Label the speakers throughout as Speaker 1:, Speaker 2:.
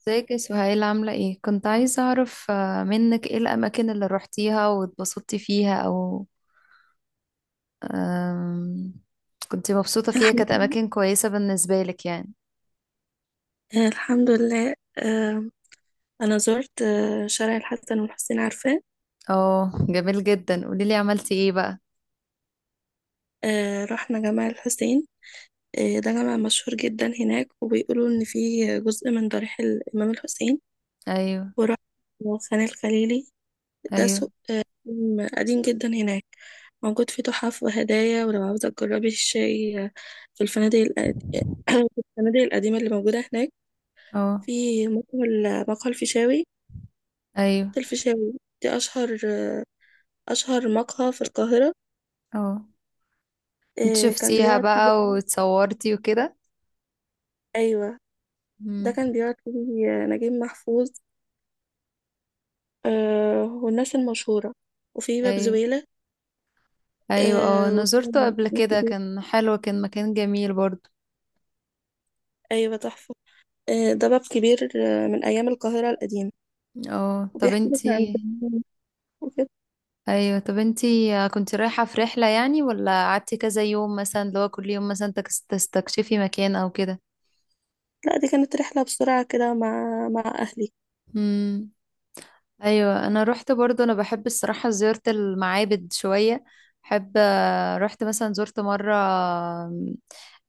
Speaker 1: ازيك يا سهيل؟ عاملة ايه؟ كنت عايزة اعرف منك ايه الأماكن اللي روحتيها واتبسطتي فيها، او آم، كنت مبسوطة فيها،
Speaker 2: الحمد
Speaker 1: كانت
Speaker 2: لله.
Speaker 1: أماكن كويسة بالنسبة لك يعني؟
Speaker 2: الحمد لله. أنا زرت شارع الحسن والحسين، عارفاه؟
Speaker 1: اه، جميل جدا، قوليلي عملتي ايه بقى.
Speaker 2: رحنا جامع الحسين. ده جامع مشهور جدا هناك، وبيقولوا إن فيه جزء من ضريح الإمام الحسين.
Speaker 1: ايوه.
Speaker 2: ورحت خان الخليلي. ده
Speaker 1: ايوه.
Speaker 2: سوق قديم قديم جدا هناك، موجود فيه تحف وهدايا. ولو عاوزة تجربي الشاي في الفنادق في الفنادق القديمة اللي موجودة هناك،
Speaker 1: اه.
Speaker 2: في مقهى الفيشاوي.
Speaker 1: ايوه.
Speaker 2: الفيشاوي دي أشهر مقهى في القاهرة.
Speaker 1: اه، انت
Speaker 2: كان
Speaker 1: شفتيها
Speaker 2: بيقعد فيه.
Speaker 1: بقى واتصورتي وكده؟
Speaker 2: أيوة. ده
Speaker 1: مم.
Speaker 2: كان بيقعد فيه نجيب محفوظ والناس المشهورة. وفي باب
Speaker 1: ايوه.
Speaker 2: زويلة
Speaker 1: ايوه، اه انا
Speaker 2: وده
Speaker 1: زرته قبل
Speaker 2: باب
Speaker 1: كده،
Speaker 2: كبير.
Speaker 1: كان حلو، كان مكان جميل برضو.
Speaker 2: أيوة، تحفة. ده باب كبير من أيام القاهرة القديمة،
Speaker 1: اه، طب
Speaker 2: وبيحكي لك عن
Speaker 1: انتي.
Speaker 2: زمان وكده.
Speaker 1: ايوه، طب انتي كنت رايحة في رحلة يعني، ولا قعدتي كذا يوم مثلا اللي هو كل يوم مثلا تستكشفي مكان او كده؟
Speaker 2: لا، دي كانت رحلة بسرعة كده مع أهلي.
Speaker 1: امم. ايوه، انا روحت برضو، انا بحب الصراحة زيارة المعابد شوية، بحب رحت مثلا، زرت مرة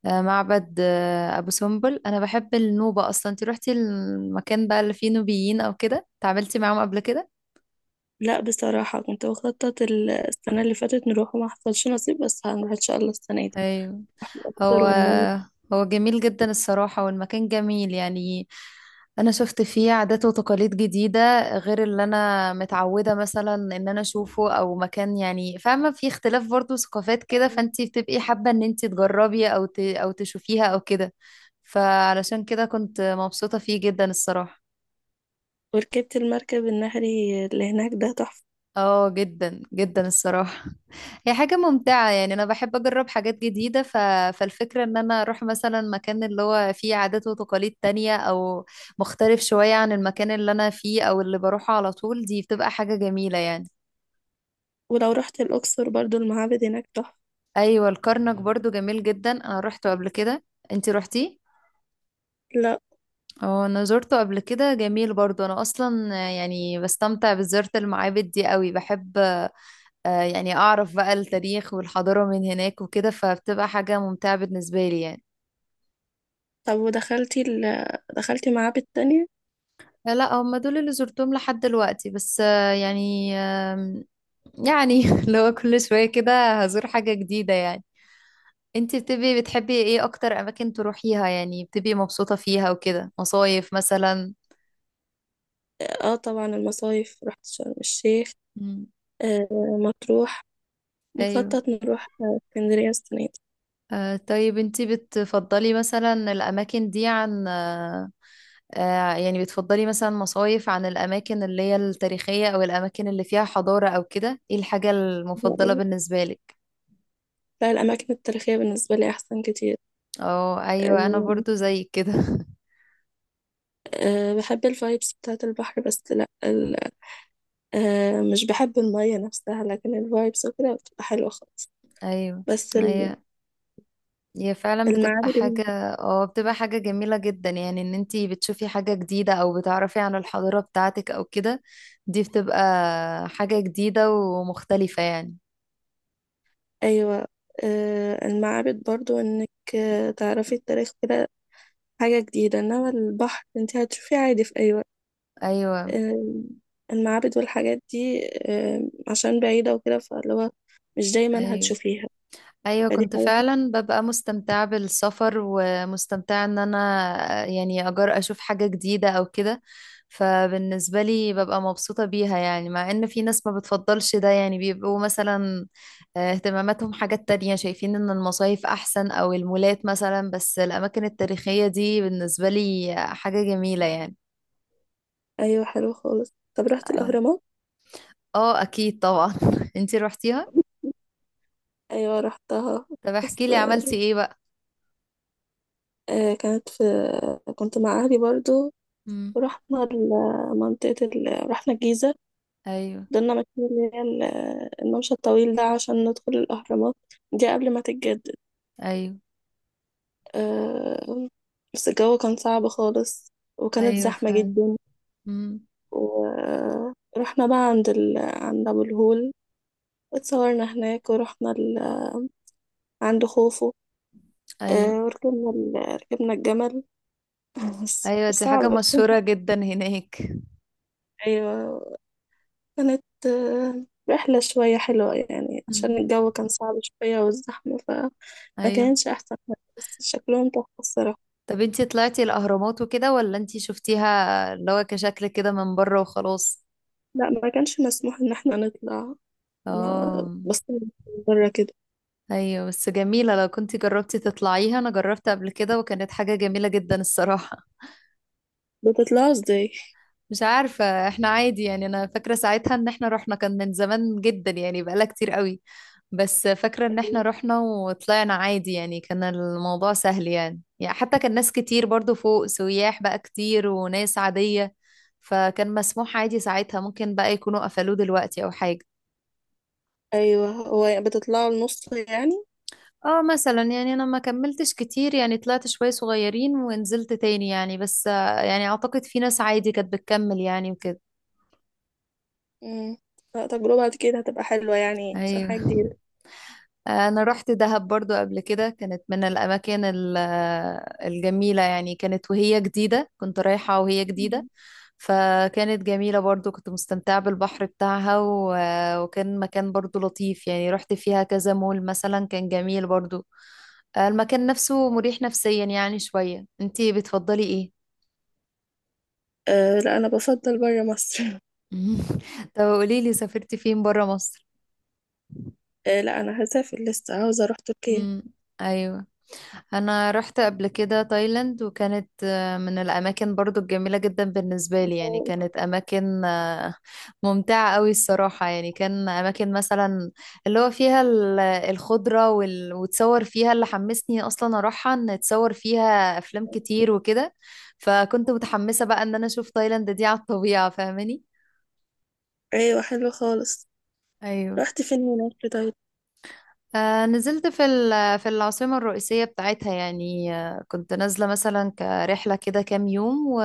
Speaker 1: معبد ابو سمبل، انا بحب النوبة اصلا. انتي روحتي المكان بقى اللي فيه نوبيين او كده؟ تعاملتي معاهم قبل كده؟
Speaker 2: لا، بصراحة كنت بخطط السنة اللي فاتت نروح، وما حصلش نصيب، بس هنروح إن شاء الله السنة دي
Speaker 1: ايوه.
Speaker 2: الأقصر
Speaker 1: هو،
Speaker 2: والنيل.
Speaker 1: هو جميل جدا الصراحة، والمكان جميل يعني. أنا شفت فيه عادات وتقاليد جديدة، غير اللي أنا متعودة مثلا إن أنا أشوفه أو مكان، يعني فاهمة، في اختلاف برضو ثقافات كده، فأنتي بتبقي حابة إن أنتي تجربي أو أو تشوفيها أو كده، فعلشان كده كنت مبسوطة فيه جدا الصراحة.
Speaker 2: وركبت المركب النهري اللي هناك، ده تحفة.
Speaker 1: اه، جدا جدا الصراحة، هي حاجة ممتعة، يعني أنا بحب أجرب حاجات جديدة، فالفكرة إن أنا أروح مثلا مكان اللي هو فيه عادات وتقاليد تانية، أو مختلف شوية عن المكان اللي أنا فيه أو اللي بروحه على طول، دي بتبقى حاجة جميلة يعني.
Speaker 2: ولو رحت الأقصر برضو، المعابد هناك تحفة.
Speaker 1: أيوة، الكرنك برضو جميل جدا، أنا روحته قبل كده. أنتي روحتيه؟
Speaker 2: لا.
Speaker 1: اه، أنا زرته قبل كده، جميل برضو، أنا أصلا يعني بستمتع بزيارة المعابد دي قوي، بحب يعني أعرف بقى التاريخ والحضارة من هناك وكده، فبتبقى حاجة ممتعة بالنسبة لي يعني.
Speaker 2: طب ودخلتي دخلتي معابد تانية؟
Speaker 1: لا، هم دول اللي زرتهم لحد دلوقتي بس، يعني يعني لو كل شوية كده هزور حاجة جديدة يعني. انتي بتبقي بتحبي ايه أكتر أماكن تروحيها، يعني بتبقي مبسوطة فيها وكده؟ مصايف مثلا؟
Speaker 2: اه، طبعا. المصايف، رحت شرم الشيخ،
Speaker 1: مم.
Speaker 2: آه مطروح،
Speaker 1: أيوه.
Speaker 2: مخطط نروح اسكندرية السنة دي.
Speaker 1: طيب انتي بتفضلي مثلا الأماكن دي عن يعني بتفضلي مثلا مصايف عن الأماكن اللي هي التاريخية أو الأماكن اللي فيها حضارة أو كده؟ ايه الحاجة المفضلة بالنسبة لك؟
Speaker 2: لا، الأماكن التاريخية بالنسبة لي أحسن كتير.
Speaker 1: اه، أيوة، أنا
Speaker 2: آه
Speaker 1: برضو زي كده
Speaker 2: بحب الفايبس بتاعة البحر، بس لا مش بحب المية نفسها، لكن الفايبس وكده بتبقى حلوة خالص.
Speaker 1: أيوة.
Speaker 2: بس
Speaker 1: هي،
Speaker 2: ال-
Speaker 1: هي فعلا بتبقى حاجة.
Speaker 2: المعابد.
Speaker 1: اه، بتبقى حاجة جميلة جدا، يعني ان انتي بتشوفي حاجة جديدة أو بتعرفي عن الحضارة بتاعتك أو كده، دي بتبقى حاجة جديدة ومختلفة يعني.
Speaker 2: أيوة. المعابد برضو إنك تعرفي التاريخ كده، حاجة جديدة، إنما البحر أنت هتشوفيه عادي في أي وقت.
Speaker 1: أيوة.
Speaker 2: آه، المعابد والحاجات دي عشان بعيدة وكده، فاللي هو مش دايما
Speaker 1: أيوة.
Speaker 2: هتشوفيها،
Speaker 1: ايوه،
Speaker 2: فدي حاجة
Speaker 1: كنت
Speaker 2: حلوة.
Speaker 1: فعلا ببقى مستمتعة بالسفر، ومستمتعة ان انا يعني اجر اشوف حاجة جديدة او كده، فبالنسبة لي ببقى مبسوطة بيها، يعني مع ان في ناس ما بتفضلش ده، يعني بيبقوا مثلا اهتماماتهم حاجات تانية، شايفين ان المصايف احسن او المولات مثلا، بس الاماكن التاريخية دي بالنسبة لي حاجة جميلة يعني.
Speaker 2: أيوة، حلوة خالص. طب رحت الأهرامات؟
Speaker 1: اه اكيد طبعا انتي روحتيها؟
Speaker 2: أيوة، رحتها.
Speaker 1: طب
Speaker 2: بس
Speaker 1: احكي لي عملتي ايه بقى.
Speaker 2: آه، كانت في كنت مع أهلي برضو.
Speaker 1: امم.
Speaker 2: ورحنا رحنا الجيزة.
Speaker 1: ايوه.
Speaker 2: ضلنا ماشيين اللي هي الممشى الطويل ده عشان ندخل الأهرامات دي قبل ما تتجدد.
Speaker 1: ايوه.
Speaker 2: آه، بس الجو كان صعب خالص، وكانت
Speaker 1: ايوه
Speaker 2: زحمة
Speaker 1: فعلا.
Speaker 2: جدا.
Speaker 1: مم.
Speaker 2: ورحنا بقى عند عند أبو الهول، اتصورنا هناك، ورحنا عند خوفو. آه،
Speaker 1: ايوه.
Speaker 2: وركبنا ال... ركبنا الجمل بس
Speaker 1: ايوه، دي حاجة
Speaker 2: صعب
Speaker 1: مشهورة جدا هناك.
Speaker 2: أيوة، كانت رحلة شوية حلوة يعني،
Speaker 1: مم.
Speaker 2: عشان الجو كان صعب شوية والزحمة، فما
Speaker 1: ايوه.
Speaker 2: كانش أحسن حاجة، بس شكلهم تحفة الصراحة.
Speaker 1: طب انتي طلعتي الاهرامات وكده، ولا انتي شفتيها اللي هو كشكل كده من بره وخلاص؟
Speaker 2: لا، ما كانش مسموح إن احنا نطلع، ما
Speaker 1: اه،
Speaker 2: بس بره كده.
Speaker 1: ايوه، بس جميلة لو كنتي جربتي تطلعيها، انا جربت قبل كده وكانت حاجة جميلة جدا الصراحة.
Speaker 2: بتطلعوا ازاي؟
Speaker 1: مش عارفة، احنا عادي يعني، انا فاكرة ساعتها ان احنا رحنا، كان من زمان جدا يعني، بقالها كتير قوي. بس فاكرة ان احنا رحنا وطلعنا عادي يعني، كان الموضوع سهل يعني حتى كان ناس كتير برضو فوق، سياح بقى كتير وناس عادية، فكان مسموح عادي ساعتها، ممكن بقى يكونوا قفلوه دلوقتي او حاجة.
Speaker 2: أيوة. هو يعني بتطلعوا النص يعني.
Speaker 1: اه، مثلا يعني انا ما كملتش كتير يعني، طلعت شوية صغيرين ونزلت تاني يعني، بس يعني اعتقد في ناس عادي كانت بتكمل يعني وكده.
Speaker 2: مم. لا، تجربة كده هتبقى حلوة يعني، عشان
Speaker 1: ايوه.
Speaker 2: حاجة جديدة.
Speaker 1: انا رحت دهب برضو قبل كده، كانت من الاماكن الجميله يعني، كانت وهي جديده، كنت رايحه وهي جديده،
Speaker 2: مم.
Speaker 1: فكانت جميله برضو، كنت مستمتعه بالبحر بتاعها وكان مكان برضو لطيف يعني، رحت فيها كذا مول مثلا، كان جميل برضو، المكان نفسه مريح نفسيا يعني شويه. انتي بتفضلي ايه؟
Speaker 2: أه، لا، أنا بفضل بره مصر
Speaker 1: طب قوليلي سافرتي فين برا مصر؟
Speaker 2: أه، لا، أنا هسافر لسه، عاوزة أروح تركيا.
Speaker 1: امم. ايوه. انا رحت قبل كده تايلاند، وكانت من الاماكن برضو الجميله جدا بالنسبه لي يعني،
Speaker 2: أوه.
Speaker 1: كانت اماكن ممتعه قوي الصراحه يعني، كان اماكن مثلا اللي هو فيها الخضره وتصور فيها، اللي حمسني اصلا اروحها ان اتصور فيها افلام كتير وكده، فكنت متحمسه بقى ان انا اشوف تايلاند دي على الطبيعه، فاهماني.
Speaker 2: أيوة، حلو خالص.
Speaker 1: ايوه.
Speaker 2: رحت فين هناك طيب؟
Speaker 1: نزلت في في العاصمة الرئيسية بتاعتها يعني، كنت نازلة مثلا كرحلة كده كام يوم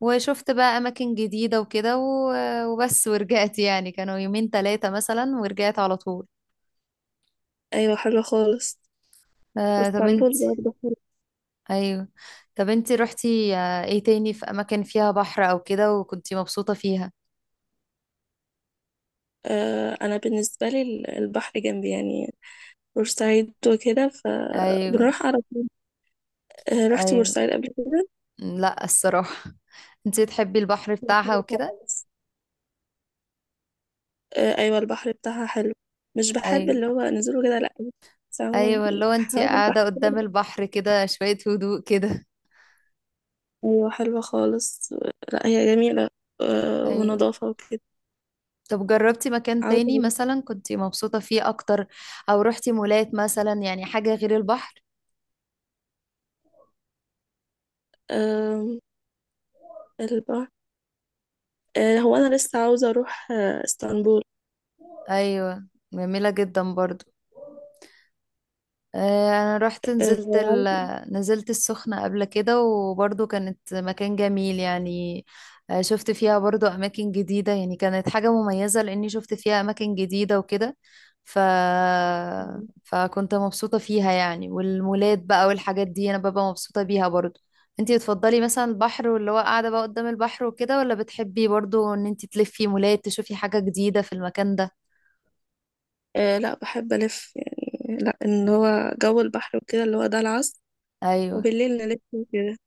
Speaker 1: وشفت بقى أماكن جديدة وكده وبس ورجعت يعني، كانوا يومين ثلاثة مثلا ورجعت على طول.
Speaker 2: أيوة، حلوة خالص.
Speaker 1: طب انت.
Speaker 2: واسطنبول برضه حلوة.
Speaker 1: أيوه، طب انت روحتي ايه تاني في أماكن فيها بحر أو كده، وكنتي مبسوطة فيها؟
Speaker 2: أنا بالنسبة لي البحر جنبي يعني، بورسعيد وكده،
Speaker 1: أيوه.
Speaker 2: فبنروح على طول. رحت
Speaker 1: أيوه.
Speaker 2: بورسعيد قبل كده.
Speaker 1: لا الصراحة انت تحبي البحر بتاعها
Speaker 2: حلو
Speaker 1: وكده؟
Speaker 2: خالص. أيوة، البحر بتاعها حلو. مش بحب
Speaker 1: ايوه.
Speaker 2: اللي هو نزوله كده، لأ. بس عموما،
Speaker 1: ايوه، اللي هو انت
Speaker 2: حوار البحر.
Speaker 1: قاعده قدام البحر كده شويه هدوء كده.
Speaker 2: أيوة، حلوة خالص. لأ، هي جميلة
Speaker 1: ايوه.
Speaker 2: ونضافة وكده.
Speaker 1: طب جربتي مكان
Speaker 2: عاوزة
Speaker 1: تاني
Speaker 2: أروح
Speaker 1: مثلا كنتي مبسوطه فيه اكتر، او روحتي مولات مثلا يعني حاجه غير البحر؟
Speaker 2: آه البحر. هو أنا لسه عاوزة أروح اسطنبول.
Speaker 1: ايوه. جميله جدا برضو. انا رحت نزلت
Speaker 2: آه
Speaker 1: نزلت السخنة قبل كده، وبرضو كانت مكان جميل يعني. شفت فيها برضو اماكن جديدة يعني، كانت حاجة مميزة لاني شفت فيها اماكن جديدة وكده، ف... فكنت مبسوطة فيها يعني. والمولات بقى والحاجات دي انا ببقى مبسوطة بيها برضو. انتي بتفضلي مثلا البحر واللي هو قاعدة بقى قدام البحر وكده، ولا بتحبي برضو ان انتي تلفي مولات تشوفي حاجة جديدة في المكان ده؟
Speaker 2: لا، بحب ألف يعني، لا، إن هو جو البحر وكده، اللي هو ده العصر
Speaker 1: ايوه.
Speaker 2: وبالليل نلف وكده.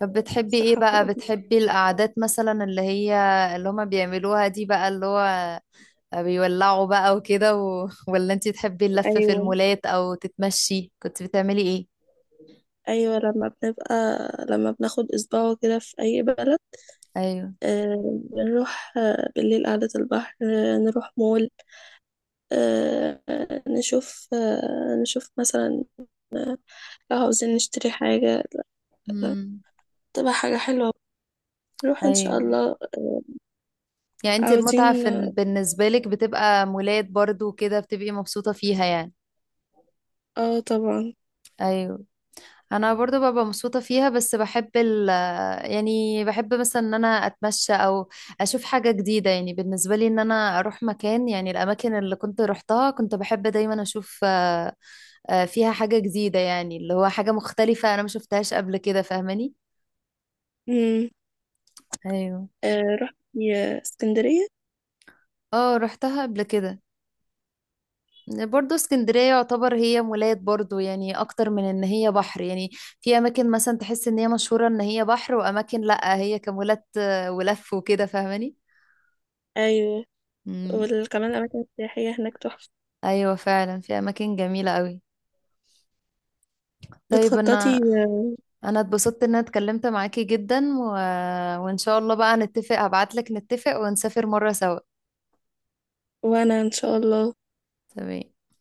Speaker 1: طب بتحبي ايه
Speaker 2: الصراحة
Speaker 1: بقى؟
Speaker 2: بتبقى.
Speaker 1: بتحبي القعدات مثلا اللي هي اللي هما بيعملوها دي بقى، اللي هو بيولعوا بقى وكده ولا انتي تحبي اللف في
Speaker 2: أيوه،
Speaker 1: المولات او تتمشي؟ كنت بتعملي ايه؟
Speaker 2: أيوه، لما بناخد أسبوع كده في أي بلد
Speaker 1: ايوه.
Speaker 2: بنروح بالليل قعدة البحر، نروح مول، نشوف مثلا لو عاوزين نشتري حاجة. لا،
Speaker 1: امم.
Speaker 2: تبقى حاجة حلوة، نروح إن شاء
Speaker 1: ايوه،
Speaker 2: الله،
Speaker 1: يعني انتي
Speaker 2: عاوزين.
Speaker 1: المتعة بالنسبة لك بتبقى مولات برضو وكده، بتبقي مبسوطة فيها يعني؟
Speaker 2: اه، طبعا.
Speaker 1: ايوه. انا برضو ببقى مبسوطه فيها، بس بحب يعني بحب مثلا ان انا اتمشى او اشوف حاجه جديده يعني، بالنسبه لي ان انا اروح مكان يعني، الاماكن اللي كنت روحتها كنت بحب دايما اشوف فيها حاجه جديده يعني، اللي هو حاجه مختلفه انا ما شفتهاش قبل كده، فاهماني.
Speaker 2: مم.
Speaker 1: ايوه.
Speaker 2: رحت اسكندرية.
Speaker 1: اه روحتها قبل كده. برضو اسكندرية يعتبر هي مولات برضو يعني، أكتر من إن هي بحر يعني، في أماكن مثلا تحس إن هي مشهورة إن هي بحر، وأماكن لأ هي كمولات ولف وكده فاهماني.
Speaker 2: أيوه.
Speaker 1: مم.
Speaker 2: وكمان الأماكن السياحية هناك تحفة.
Speaker 1: ايوه فعلا، في اماكن جميله قوي. طيب انا،
Speaker 2: بتخططي.
Speaker 1: انا اتبسطت ان انا اتكلمت معاكي جدا وان شاء الله بقى نتفق، هبعت لك نتفق ونسافر مره سوا.
Speaker 2: وأنا إن شاء الله.
Speaker 1: تمام.